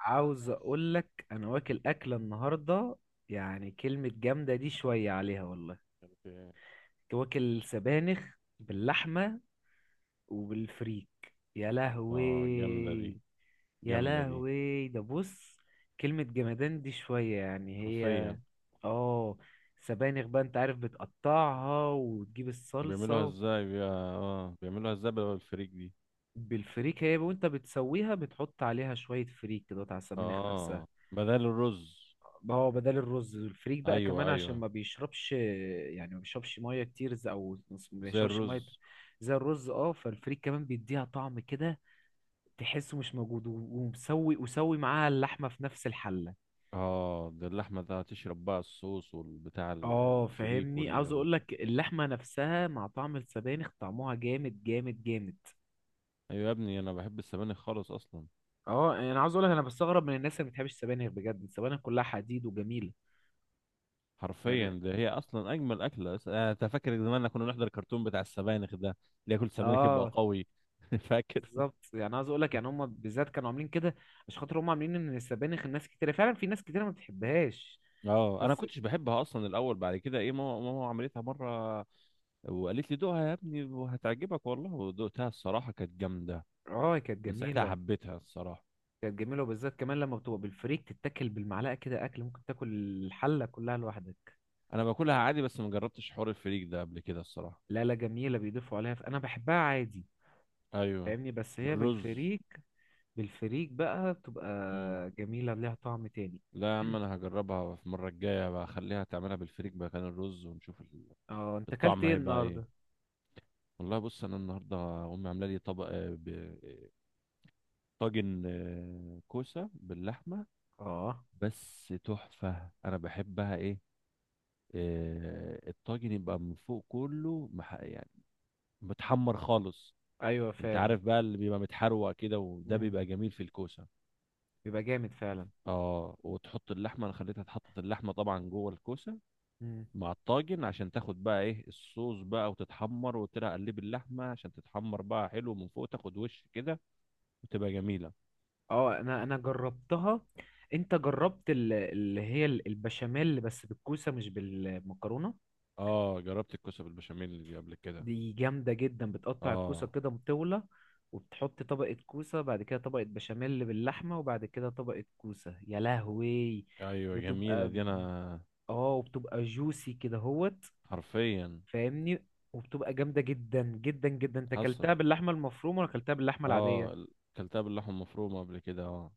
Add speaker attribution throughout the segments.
Speaker 1: عاوز اقول لك انا واكل اكله النهارده. يعني كلمه جامده، دي شويه عليها والله.
Speaker 2: إيه؟
Speaker 1: كنت واكل سبانخ باللحمه وبالفريك، يا لهوي.
Speaker 2: اه، جامدة دي،
Speaker 1: يا
Speaker 2: جامدة دي.
Speaker 1: لهوي، ده بص، كلمه جمدان دي شويه يعني هي.
Speaker 2: حرفيا.
Speaker 1: اه، سبانخ بقى، انت عارف بتقطعها وتجيب
Speaker 2: بيعملوها
Speaker 1: الصلصه.
Speaker 2: ازاي بي... اه بيعملوها ازاي بدل الفريك دي؟
Speaker 1: بالفريك هي، وانت بتسويها بتحط عليها شويه فريك كده على السبانخ نفسها.
Speaker 2: اه، بدل الرز.
Speaker 1: ما هو بدل الرز الفريك بقى كمان
Speaker 2: ايوه
Speaker 1: عشان
Speaker 2: ايوه،
Speaker 1: ما بيشربش، يعني ما بيشربش ميه كتير، او ما
Speaker 2: زي
Speaker 1: بيشربش ميه.
Speaker 2: الرز.
Speaker 1: زي الرز، اه فالفريك كمان بيديها طعم كده، تحسه مش موجود، و- ومسوي وسوي معاها اللحمه في نفس الحله.
Speaker 2: اه، ده اللحمة ده هتشرب بقى الصوص والبتاع
Speaker 1: اه
Speaker 2: الفريك
Speaker 1: فاهمني، عاوز اقول لك اللحمه نفسها مع طعم السبانخ طعمها جامد جامد جامد.
Speaker 2: ايوه يا ابني، انا بحب السبانخ خالص اصلا.
Speaker 1: اه، يعني انا عاوز اقول لك انا بستغرب من الناس اللي ما بتحبش السبانخ، بجد السبانخ كلها حديد وجميله.
Speaker 2: حرفيا،
Speaker 1: يعني
Speaker 2: ده هي اصلا اجمل اكله أس- انا أنت فاكر زمان كنا نحضر الكرتون بتاع السبانخ ده، اللي ياكل سبانخ يبقى
Speaker 1: اه،
Speaker 2: قوي؟ فاكر.
Speaker 1: بالظبط، يعني عاوز اقول لك يعني هم بالذات كانوا عاملين كده عشان خاطر هم عاملين ان السبانخ الناس كتير، فعلا في ناس كتير ما بتحبهاش.
Speaker 2: اه، انا
Speaker 1: بس
Speaker 2: كنتش بحبها اصلا الاول، بعد كده ايه، ماما عملتها مره وقالت لي دوقها يا ابني وهتعجبك والله، ودوقتها الصراحه كانت جامده.
Speaker 1: اه كانت
Speaker 2: من ساعتها
Speaker 1: جميله.
Speaker 2: حبيتها الصراحه.
Speaker 1: كانت جميله وبالذات كمان لما بتبقى بالفريك تتاكل بالمعلقه كده، اكل ممكن تاكل الحله كلها لوحدك.
Speaker 2: انا باكلها عادي بس ما جربتش حوار الفريك ده قبل كده الصراحه.
Speaker 1: لا، لا، جميله بيضيفوا عليها، انا بحبها عادي.
Speaker 2: ايوه،
Speaker 1: فاهمني، بس هي
Speaker 2: بالرز.
Speaker 1: بالفريك. بالفريك بقى بتبقى
Speaker 2: مم.
Speaker 1: جميله ليها طعم تاني.
Speaker 2: لا يا عم، انا هجربها في المره الجايه بقى، اخليها تعملها بالفريك مكان الرز ونشوف
Speaker 1: اه، انت اكلت
Speaker 2: الطعم
Speaker 1: ايه
Speaker 2: هيبقى ايه.
Speaker 1: النهارده؟
Speaker 2: والله بص، انا النهارده امي عامله لي طبق، آه، طاجن، كوسه باللحمه،
Speaker 1: اه،
Speaker 2: بس تحفة. أنا بحبها إيه، الطاجن يبقى من فوق كله يعني متحمر خالص.
Speaker 1: ايوه،
Speaker 2: أنت
Speaker 1: فاهم.
Speaker 2: عارف بقى اللي بيبقى متحروق كده، وده
Speaker 1: مم.
Speaker 2: بيبقى جميل في الكوسة.
Speaker 1: بيبقى جامد فعلا.
Speaker 2: وتحط اللحمة، أنا خليتها تحط اللحمة طبعا جوه الكوسة
Speaker 1: مم.
Speaker 2: مع الطاجن، عشان تاخد بقى إيه الصوص بقى وتتحمر. وقلت لها قلب اللحمة عشان تتحمر بقى حلو من فوق، تاخد وش كده وتبقى جميلة.
Speaker 1: اه، انا جربتها. انت جربت اللي هي البشاميل بس بالكوسه مش بالمكرونه؟
Speaker 2: جربت الكوسة بالبشاميل دي قبل كده.
Speaker 1: دي جامده جدا، بتقطع الكوسه
Speaker 2: آه،
Speaker 1: كده مطوله. وبتحط طبقه كوسه، بعد كده طبقه بشاميل باللحمه، وبعد كده طبقه كوسه، يا لهوي.
Speaker 2: أيوة
Speaker 1: بتبقى
Speaker 2: جميلة دي
Speaker 1: ب-
Speaker 2: أنا.
Speaker 1: اه وبتبقى جوسي كده هوت.
Speaker 2: حرفيا.
Speaker 1: فاهمني، وبتبقى جامده جدا جدا جدا. انت
Speaker 2: حصل.
Speaker 1: اكلتها باللحمه المفرومه ولا اكلتها باللحمه العاديه؟
Speaker 2: اه ال- كلتها باللحمه المفرومه قبل كده، اه.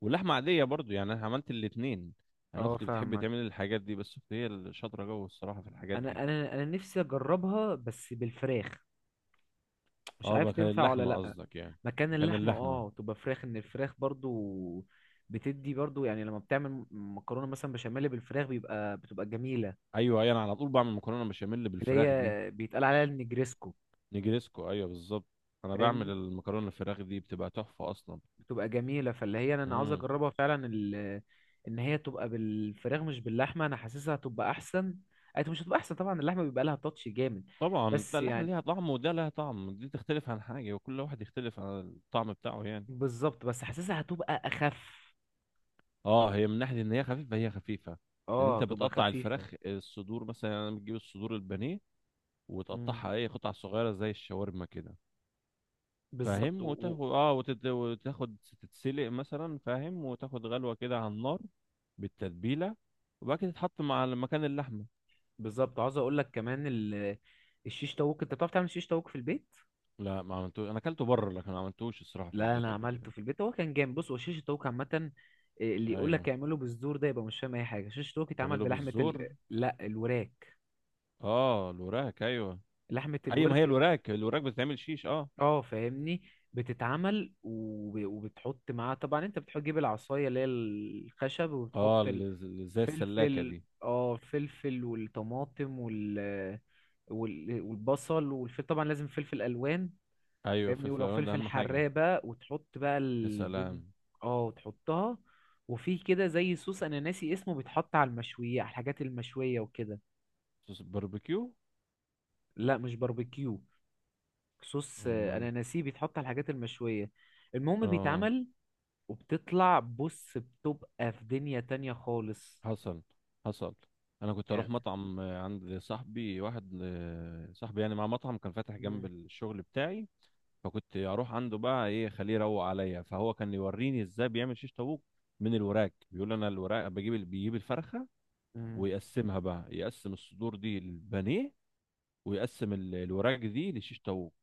Speaker 2: واللحمه عاديه برضو، يعني انا عملت الاتنين. انا
Speaker 1: اه،
Speaker 2: اختي بتحب
Speaker 1: فاهمك.
Speaker 2: تعمل الحاجات دي، بس اختي هي اللي شاطره جوه الصراحه في الحاجات دي.
Speaker 1: انا نفسي اجربها بس بالفراخ، مش
Speaker 2: اه،
Speaker 1: عارف
Speaker 2: بقى كان
Speaker 1: تنفع ولا
Speaker 2: اللحمه
Speaker 1: لأ.
Speaker 2: قصدك يعني،
Speaker 1: مكان
Speaker 2: كان
Speaker 1: اللحمة
Speaker 2: اللحمه.
Speaker 1: اه تبقى فراخ، ان الفراخ برضو بتدي برضو، يعني لما بتعمل مكرونة مثلا بشاميل بالفراخ بيبقى بتبقى جميلة.
Speaker 2: ايوه ايوه، انا على طول بعمل مكرونه بشاميل
Speaker 1: اللي
Speaker 2: بالفراخ دي.
Speaker 1: هي بيتقال عليها النجريسكو.
Speaker 2: نجريسكو، ايوه بالظبط. انا بعمل
Speaker 1: فاهمني،
Speaker 2: المكرونه الفراخ دي بتبقى تحفه اصلا.
Speaker 1: بتبقى جميلة، فاللي هي انا عاوز
Speaker 2: امم
Speaker 1: اجربها فعلا ان هي تبقى بالفراخ مش باللحمة، انا حاسسها هتبقى احسن. أي مش هتبقى احسن طبعا، اللحمة بيبقى لها تاتش جامد.
Speaker 2: طبعا، ده
Speaker 1: بس
Speaker 2: اللحمه
Speaker 1: يعني،
Speaker 2: ليها طعم وده لها طعم، دي تختلف عن حاجه، وكل واحد يختلف عن الطعم بتاعه يعني.
Speaker 1: بالظبط، بس حاسسها هتبقى اخف.
Speaker 2: اه، هي من ناحيه ان هي خفيفه، هي خفيفه. لان
Speaker 1: اه،
Speaker 2: انت
Speaker 1: تبقى
Speaker 2: بتقطع
Speaker 1: خفيفة.
Speaker 2: الفراخ الصدور مثلا، يعني بتجيب الصدور البانيه
Speaker 1: مم.
Speaker 2: وتقطعها اي قطع صغيره زي الشاورما كده.
Speaker 1: بالظبط
Speaker 2: فاهم،
Speaker 1: و-
Speaker 2: وتاخد تتسلق مثلا، فاهم، وتاخد غلوه كده على النار بالتتبيله، وبعد كده تتحط مع مكان اللحمه.
Speaker 1: بالظبط عاوز اقول لك كمان الشيش طاووق، انت بتعرف تعمل شيش طاووق في البيت؟
Speaker 2: لا، ما عملتوش، انا اكلته بره، لكن ما عملتوش الصراحه في
Speaker 1: لا،
Speaker 2: البيت
Speaker 1: انا
Speaker 2: قبل
Speaker 1: عملته
Speaker 2: كده.
Speaker 1: في البيت هو كان جامد. بص، هو شيش الطاووق عامه إيه، اللي يقول
Speaker 2: ايوه،
Speaker 1: لك اعمله بالزور ده يبقى مش فاهم اي حاجه. شيش الطاووق اتعمل
Speaker 2: تعمله
Speaker 1: بلحمه
Speaker 2: بالزور.
Speaker 1: لا الوراك.
Speaker 2: اه، الوراك ايوه.
Speaker 1: لحمه
Speaker 2: ايوه، ما هي
Speaker 1: الورك،
Speaker 2: الوراك بتتعمل شيش اه.
Speaker 1: اه، فاهمني. بتتعمل وبتحط معاها، طبعا انت بتحط تجيب العصايه اللي هي الخشب
Speaker 2: اه،
Speaker 1: وبتحط
Speaker 2: اللي زي السلاكه
Speaker 1: الفلفل.
Speaker 2: دي.
Speaker 1: اه الفلفل والطماطم، والبصل والفلفل، طبعا لازم فلفل الوان.
Speaker 2: ايوه،
Speaker 1: فاهمني،
Speaker 2: فلفل
Speaker 1: ولو
Speaker 2: الوان ده
Speaker 1: فلفل
Speaker 2: اهم حاجه.
Speaker 1: حراق بقى وتحط بقى
Speaker 2: يا
Speaker 1: الدنيا.
Speaker 2: سلام.
Speaker 1: اه، وتحطها. وفي كده زي صوص انا ناسي اسمه، بيتحط على المشوية، على الحاجات المشوية وكده.
Speaker 2: صوص الباربيكيو.
Speaker 1: لا، مش باربيكيو. صوص،
Speaker 2: امال.
Speaker 1: انا ناسيه، بيتحط على الحاجات المشوية. المهم
Speaker 2: اه،
Speaker 1: بيتعمل، وبتطلع بص بتبقى في دنيا تانية خالص.
Speaker 2: حصل حصل. انا كنت
Speaker 1: يعني.
Speaker 2: اروح مطعم، عند صاحبي واحد، صاحبي يعني، مع مطعم كان فاتح جنب
Speaker 1: مم.
Speaker 2: الشغل بتاعي. فكنت اروح عنده بقى، ايه، خليه يروق عليا. فهو كان يوريني ازاي بيعمل شيش طاووق من الوراك. بيقول انا الوراك بيجيب الفرخه
Speaker 1: مم.
Speaker 2: ويقسمها بقى، يقسم الصدور دي للبانيه، ويقسم الوراك دي لشيش طاووق.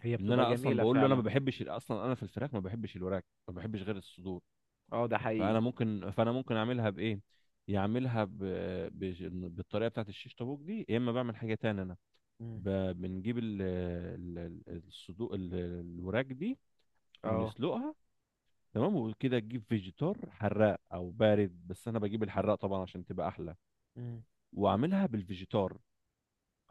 Speaker 1: هي
Speaker 2: ان
Speaker 1: بتبقى
Speaker 2: انا اصلا
Speaker 1: جميلة
Speaker 2: بقول له انا ما
Speaker 1: فعلا.
Speaker 2: بحبش اصلا، انا في الفراخ ما بحبش الوراك، ما بحبش غير الصدور.
Speaker 1: اه، ده
Speaker 2: فانا
Speaker 1: حقيقي.
Speaker 2: ممكن فانا ممكن اعملها بايه، يعملها بالطريقه بتاعت الشيش طاووق دي، يا اما بعمل حاجه تانية. انا
Speaker 1: مم.
Speaker 2: ب... بنجيب ال... ال- ال- الصدور، الوراك دي
Speaker 1: اه.
Speaker 2: ونسلقها. تمام، وكده تجيب فيجيتار حراق او بارد، بس انا بجيب الحراق طبعا عشان تبقى احلى،
Speaker 1: مم.
Speaker 2: واعملها بالفيجيتار.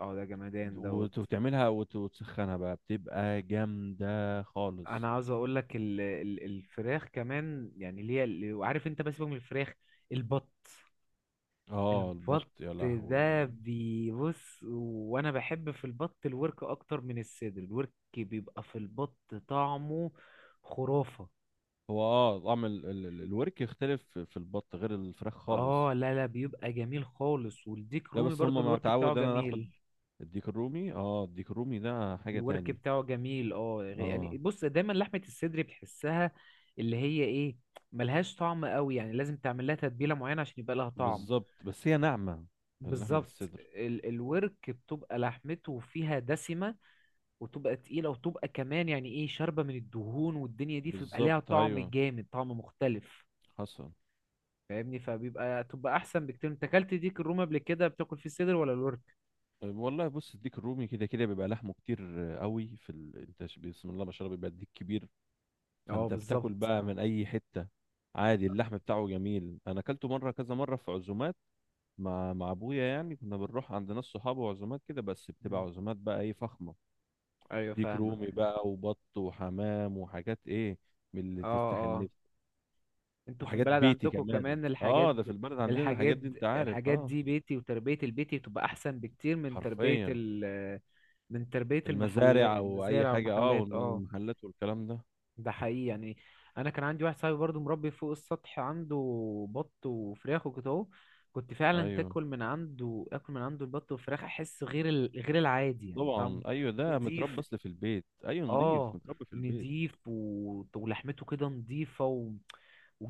Speaker 1: اه، ده جمدان دوت.
Speaker 2: وتعملها وتسخنها بقى، بتبقى جامده خالص.
Speaker 1: انا عاوز اقول لك الفراخ كمان، يعني اللي هي وعارف انت، بس سيبك من الفراخ. البط.
Speaker 2: اه، البط
Speaker 1: البط
Speaker 2: يا
Speaker 1: ده
Speaker 2: لهوي.
Speaker 1: بيبص، وانا بحب في البط الورك اكتر من الصدر. الورك بيبقى في البط طعمه خرافة.
Speaker 2: هو، اه، طعم الورك يختلف في البط غير الفراخ خالص.
Speaker 1: اه، لا، لا، بيبقى جميل خالص، والديك
Speaker 2: لا،
Speaker 1: رومي
Speaker 2: بس
Speaker 1: برضو
Speaker 2: هما ما
Speaker 1: الورك بتاعه
Speaker 2: تعود انا
Speaker 1: جميل.
Speaker 2: ناخد الديك الرومي، اه، الديك الرومي ده حاجة
Speaker 1: الورك
Speaker 2: تاني.
Speaker 1: بتاعه جميل، اه، يعني
Speaker 2: اه،
Speaker 1: بص دايما لحمة الصدر بتحسها اللي هي ايه، ملهاش طعم قوي، يعني لازم تعمل لها تتبيله معينه عشان يبقى لها طعم.
Speaker 2: بالظبط، بس هي ناعمة. لحمة
Speaker 1: بالظبط،
Speaker 2: الصدر.
Speaker 1: الورك بتبقى لحمته فيها دسمة، وتبقى تقيلة، وتبقى كمان يعني ايه، شاربة من الدهون والدنيا دي، فبيبقى ليها
Speaker 2: بالظبط،
Speaker 1: طعم
Speaker 2: ايوه.
Speaker 1: جامد، طعم مختلف.
Speaker 2: حصل.
Speaker 1: فاهمني، فبيبقى تبقى احسن بكتير. انت اكلت ديك الرومي قبل كده بتاكل فيه صدر ولا الورك؟
Speaker 2: طيب، والله بص، الديك الرومي كده كده بيبقى لحمه كتير، قوي في ال... انت ش- بسم الله ما شاء الله، بيبقى الديك كبير،
Speaker 1: اه،
Speaker 2: فانت بتاكل
Speaker 1: بالظبط.
Speaker 2: بقى من اي حتة عادي. اللحم بتاعه جميل، انا اكلته مرة، كذا مرة في عزومات، مع ابويا يعني. كنا بنروح عند ناس صحابه وعزومات كده، بس بتبقى
Speaker 1: مم.
Speaker 2: عزومات بقى ايه، فخمه.
Speaker 1: ايوه،
Speaker 2: ديك
Speaker 1: فاهمك.
Speaker 2: رومي بقى، وبط، وحمام، وحاجات ايه، من اللي
Speaker 1: اه،
Speaker 2: تفتح
Speaker 1: اه.
Speaker 2: النفس.
Speaker 1: انتوا في
Speaker 2: وحاجات
Speaker 1: البلد
Speaker 2: بيتي
Speaker 1: عندكم
Speaker 2: كمان.
Speaker 1: كمان الحاجات،
Speaker 2: اه، ده في البلد عندنا
Speaker 1: الحاجات
Speaker 2: الحاجات دي انت عارف،
Speaker 1: الحاجات
Speaker 2: اه.
Speaker 1: دي بيتي، وتربية البيتي بتبقى احسن بكتير
Speaker 2: حرفيا.
Speaker 1: من تربية المحلات،
Speaker 2: المزارع، او اي
Speaker 1: المزارع
Speaker 2: حاجه، اه،
Speaker 1: والمحلات، اه.
Speaker 2: والمحلات والكلام ده.
Speaker 1: ده حقيقي يعني. انا كان عندي واحد صاحبي برضو مربي فوق السطح عنده بط وفراخ وكده اهو. كنت فعلا
Speaker 2: ايوه
Speaker 1: تاكل من عنده، اكل من عنده البط والفراخ احس غير العادي يعني طعمه.
Speaker 2: طبعا، ايوه، ده
Speaker 1: نضيف.
Speaker 2: متربى اصل في البيت، ايوه نضيف،
Speaker 1: اه،
Speaker 2: متربى في البيت.
Speaker 1: نضيف، و... ولحمته كده نضيفه،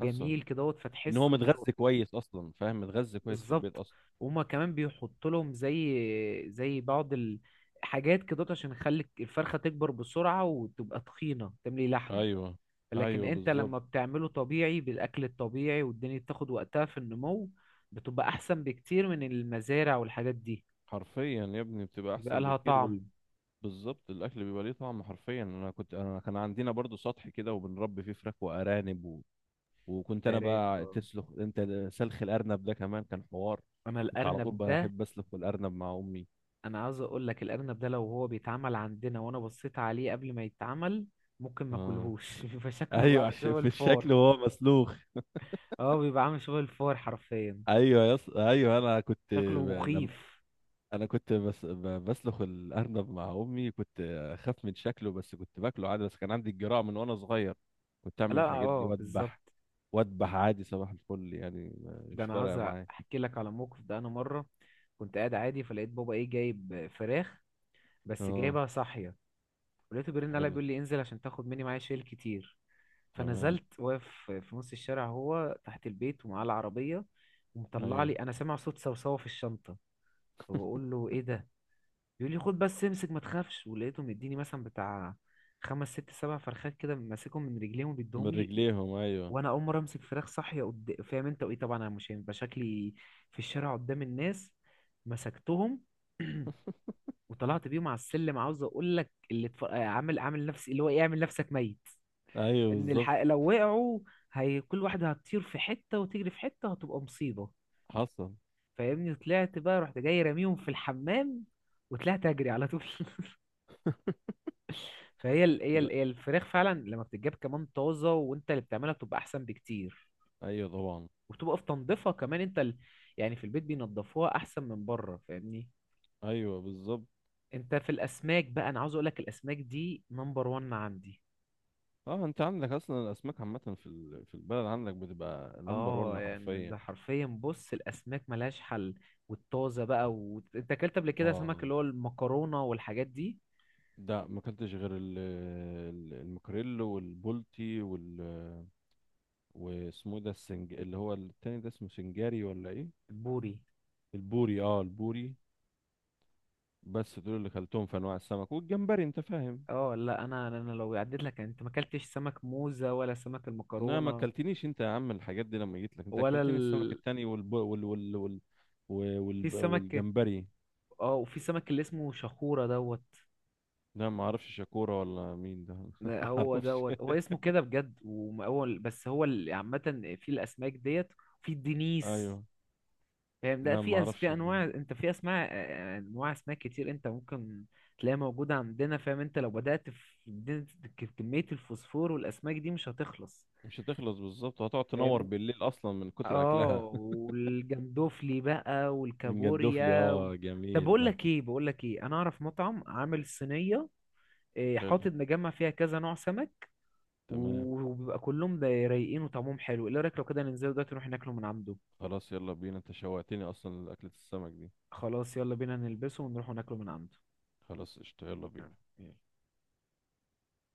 Speaker 2: حصل.
Speaker 1: كده اهوت،
Speaker 2: ان هو
Speaker 1: فتحسه
Speaker 2: متغذي كويس اصلا، فاهم؟ متغذي كويس في
Speaker 1: بالظبط،
Speaker 2: البيت اصلا.
Speaker 1: وهما كمان بيحط لهم زي بعض الحاجات كده عشان يخلي الفرخه تكبر بسرعه، وتبقى تخينه تملي لحم.
Speaker 2: ايوه
Speaker 1: لكن
Speaker 2: ايوه
Speaker 1: انت
Speaker 2: بالظبط.
Speaker 1: لما بتعمله طبيعي بالاكل الطبيعي، والدنيا بتاخد وقتها في النمو، بتبقى احسن بكتير من المزارع والحاجات دي.
Speaker 2: حرفيا يا ابني، بتبقى
Speaker 1: بيبقى
Speaker 2: احسن
Speaker 1: لها
Speaker 2: بكتير
Speaker 1: طعم.
Speaker 2: بالظبط. الاكل بيبقى ليه طعم حرفيا. انا كنت، كان عندنا برضو سطح كده، وبنربي فيه فراخ وارانب وكنت انا
Speaker 1: الارانب
Speaker 2: بقى
Speaker 1: اه.
Speaker 2: تسلخ انت، سلخ الارنب ده كمان كان حوار.
Speaker 1: انا
Speaker 2: كنت على طول
Speaker 1: الارنب ده،
Speaker 2: بحب اسلخ الارنب مع امي.
Speaker 1: انا عاوز اقول لك الارنب ده لو هو بيتعمل عندنا وانا بصيت عليه قبل ما يتعمل ممكن ما
Speaker 2: اه.
Speaker 1: اكلهوش. بيبقى شكله بقى
Speaker 2: ايوه،
Speaker 1: عامل
Speaker 2: عشان
Speaker 1: شبه
Speaker 2: في
Speaker 1: الفار.
Speaker 2: الشكل وهو مسلوخ.
Speaker 1: اه، بيبقى عامل شبه الفار حرفيا.
Speaker 2: ايوه، ايوه، انا كنت
Speaker 1: شكله
Speaker 2: لما
Speaker 1: مخيف.
Speaker 2: انا كنت بسلخ الارنب مع امي، كنت اخاف من شكله، بس كنت باكله عادي. بس كان عندي الجرأة من وانا صغير، كنت اعمل
Speaker 1: لا،
Speaker 2: الحاجات دي،
Speaker 1: اه،
Speaker 2: واذبح
Speaker 1: بالظبط.
Speaker 2: وأدبح عادي، صباح الفل، يعني
Speaker 1: ده
Speaker 2: مش
Speaker 1: انا عاوز
Speaker 2: فارقة معايا.
Speaker 1: احكي لك على موقف. ده انا مره كنت قاعد عادي فلقيت بابا ايه جايب فراخ، بس
Speaker 2: اه،
Speaker 1: جايبها صاحية. ولقيته بيرن عليا،
Speaker 2: حلو،
Speaker 1: بيقول لي انزل عشان تاخد مني، معايا شيل كتير.
Speaker 2: تمام
Speaker 1: فنزلت واقف في نص الشارع، هو تحت البيت ومعاه العربية. ومطلع
Speaker 2: ايوه.
Speaker 1: لي، انا سامع صوت صوصوة في الشنطة. فبقول له ايه ده؟ بيقول لي خد بس امسك ما تخافش. ولقيته مديني مثلا بتاع خمس ست سبع فرخات كده، ماسكهم من رجليهم
Speaker 2: من
Speaker 1: وبيديهم لي.
Speaker 2: رجليهم، ايوه
Speaker 1: وانا اول مره امسك فراخ صاحيه، فاهم انت، وايه طبعا انا مش هيبقى شكلي في الشارع قدام الناس. مسكتهم. وطلعت بيهم على السلم، عاوز اقول لك اللي عامل نفسي اللي هو ايه، اعمل نفسك ميت.
Speaker 2: ايوه
Speaker 1: ان
Speaker 2: بالظبط.
Speaker 1: لو وقعوا هي كل واحده هتطير في حته وتجري في حته وهتبقى مصيبه.
Speaker 2: حصل.
Speaker 1: فاهمني، طلعت بقى رحت جاي راميهم في الحمام وطلعت اجري على طول. فهي ال... هي
Speaker 2: لا،
Speaker 1: ال... هي الفراخ فعلا لما بتتجاب كمان طازه، وانت اللي بتعملها بتبقى احسن بكتير.
Speaker 2: ايوه طبعا،
Speaker 1: وبتبقى في تنظيفها كمان انت، يعني في البيت بينضفوها احسن من بره، فاهمني.
Speaker 2: ايوه بالظبط.
Speaker 1: انت في الاسماك بقى، انا عاوز اقول لك الاسماك دي نمبر 1 عندي.
Speaker 2: اه، انت عندك اصلا الاسماك عامه في البلد عندك، بتبقى نمبر
Speaker 1: اه
Speaker 2: 1
Speaker 1: يعني،
Speaker 2: حرفيا.
Speaker 1: ده حرفيا، بص الاسماك ملهاش حل. والطازه بقى. وانت اكلت قبل كده سمك
Speaker 2: اه،
Speaker 1: اللي هو المكرونه والحاجات دي؟
Speaker 2: ده ما اكلتش غير المكريل، والبولتي، وال. واسمه إيه ده، السنج، اللي هو التاني ده، اسمه سنجاري ولا ايه؟
Speaker 1: البوري.
Speaker 2: البوري، اه
Speaker 1: مم.
Speaker 2: البوري. بس دول اللي كلتهم في انواع السمك، والجمبري، انت فاهم.
Speaker 1: اه، لا، انا لو عديت لك يعني، انت ما اكلتش سمك موزه ولا سمك
Speaker 2: انما ما
Speaker 1: المكرونه
Speaker 2: اكلتنيش انت يا عم الحاجات دي. لما جيت لك انت،
Speaker 1: ولا
Speaker 2: اكلتني السمك التاني، والب... وال... وال... وال... و-
Speaker 1: في
Speaker 2: والب...
Speaker 1: سمك.
Speaker 2: والجمبري.
Speaker 1: اه وفي سمك اللي اسمه شخوره دوت.
Speaker 2: لا، ما اعرفش شاكورا ولا مين ده.
Speaker 1: ده
Speaker 2: ما
Speaker 1: هو
Speaker 2: اعرفش.
Speaker 1: دوت، هو اسمه كده بجد. وهو بس هو عامه في الاسماك ديت، في الدنيس.
Speaker 2: ايوه.
Speaker 1: فاهم، لا
Speaker 2: لا، ما
Speaker 1: في في
Speaker 2: اعرفش دي.
Speaker 1: انواع، انت في اسماء انواع اسماك كتير انت ممكن تلاقيها موجوده عندنا. فاهم، انت لو بدات في كميه الفوسفور والاسماك دي مش هتخلص.
Speaker 2: مش هتخلص، بالظبط، وهتقعد تنور
Speaker 1: فاهم،
Speaker 2: بالليل اصلا من كتر
Speaker 1: اه
Speaker 2: اكلها.
Speaker 1: والجندوفلي بقى
Speaker 2: ونجدف لي،
Speaker 1: والكابوريا
Speaker 2: اه،
Speaker 1: طب
Speaker 2: جميل
Speaker 1: بقول
Speaker 2: ده.
Speaker 1: لك ايه، بقول لك ايه، انا اعرف مطعم عامل صينيه،
Speaker 2: حلو،
Speaker 1: حاطط مجمع فيها كذا نوع سمك.
Speaker 2: تمام.
Speaker 1: و- وبيبقى كلهم ده رايقين وطعمهم حلو. ايه رايك لو كده ننزل دلوقتي نروح ناكله من عنده؟
Speaker 2: خلاص، يلا بينا، انت شوقتني اصلا لاكلة السمك دي.
Speaker 1: خلاص، يلا بينا نلبسه ونروح ناكله من عنده.
Speaker 2: خلاص قشطة، يلا بينا.
Speaker 1: تمام، يلا.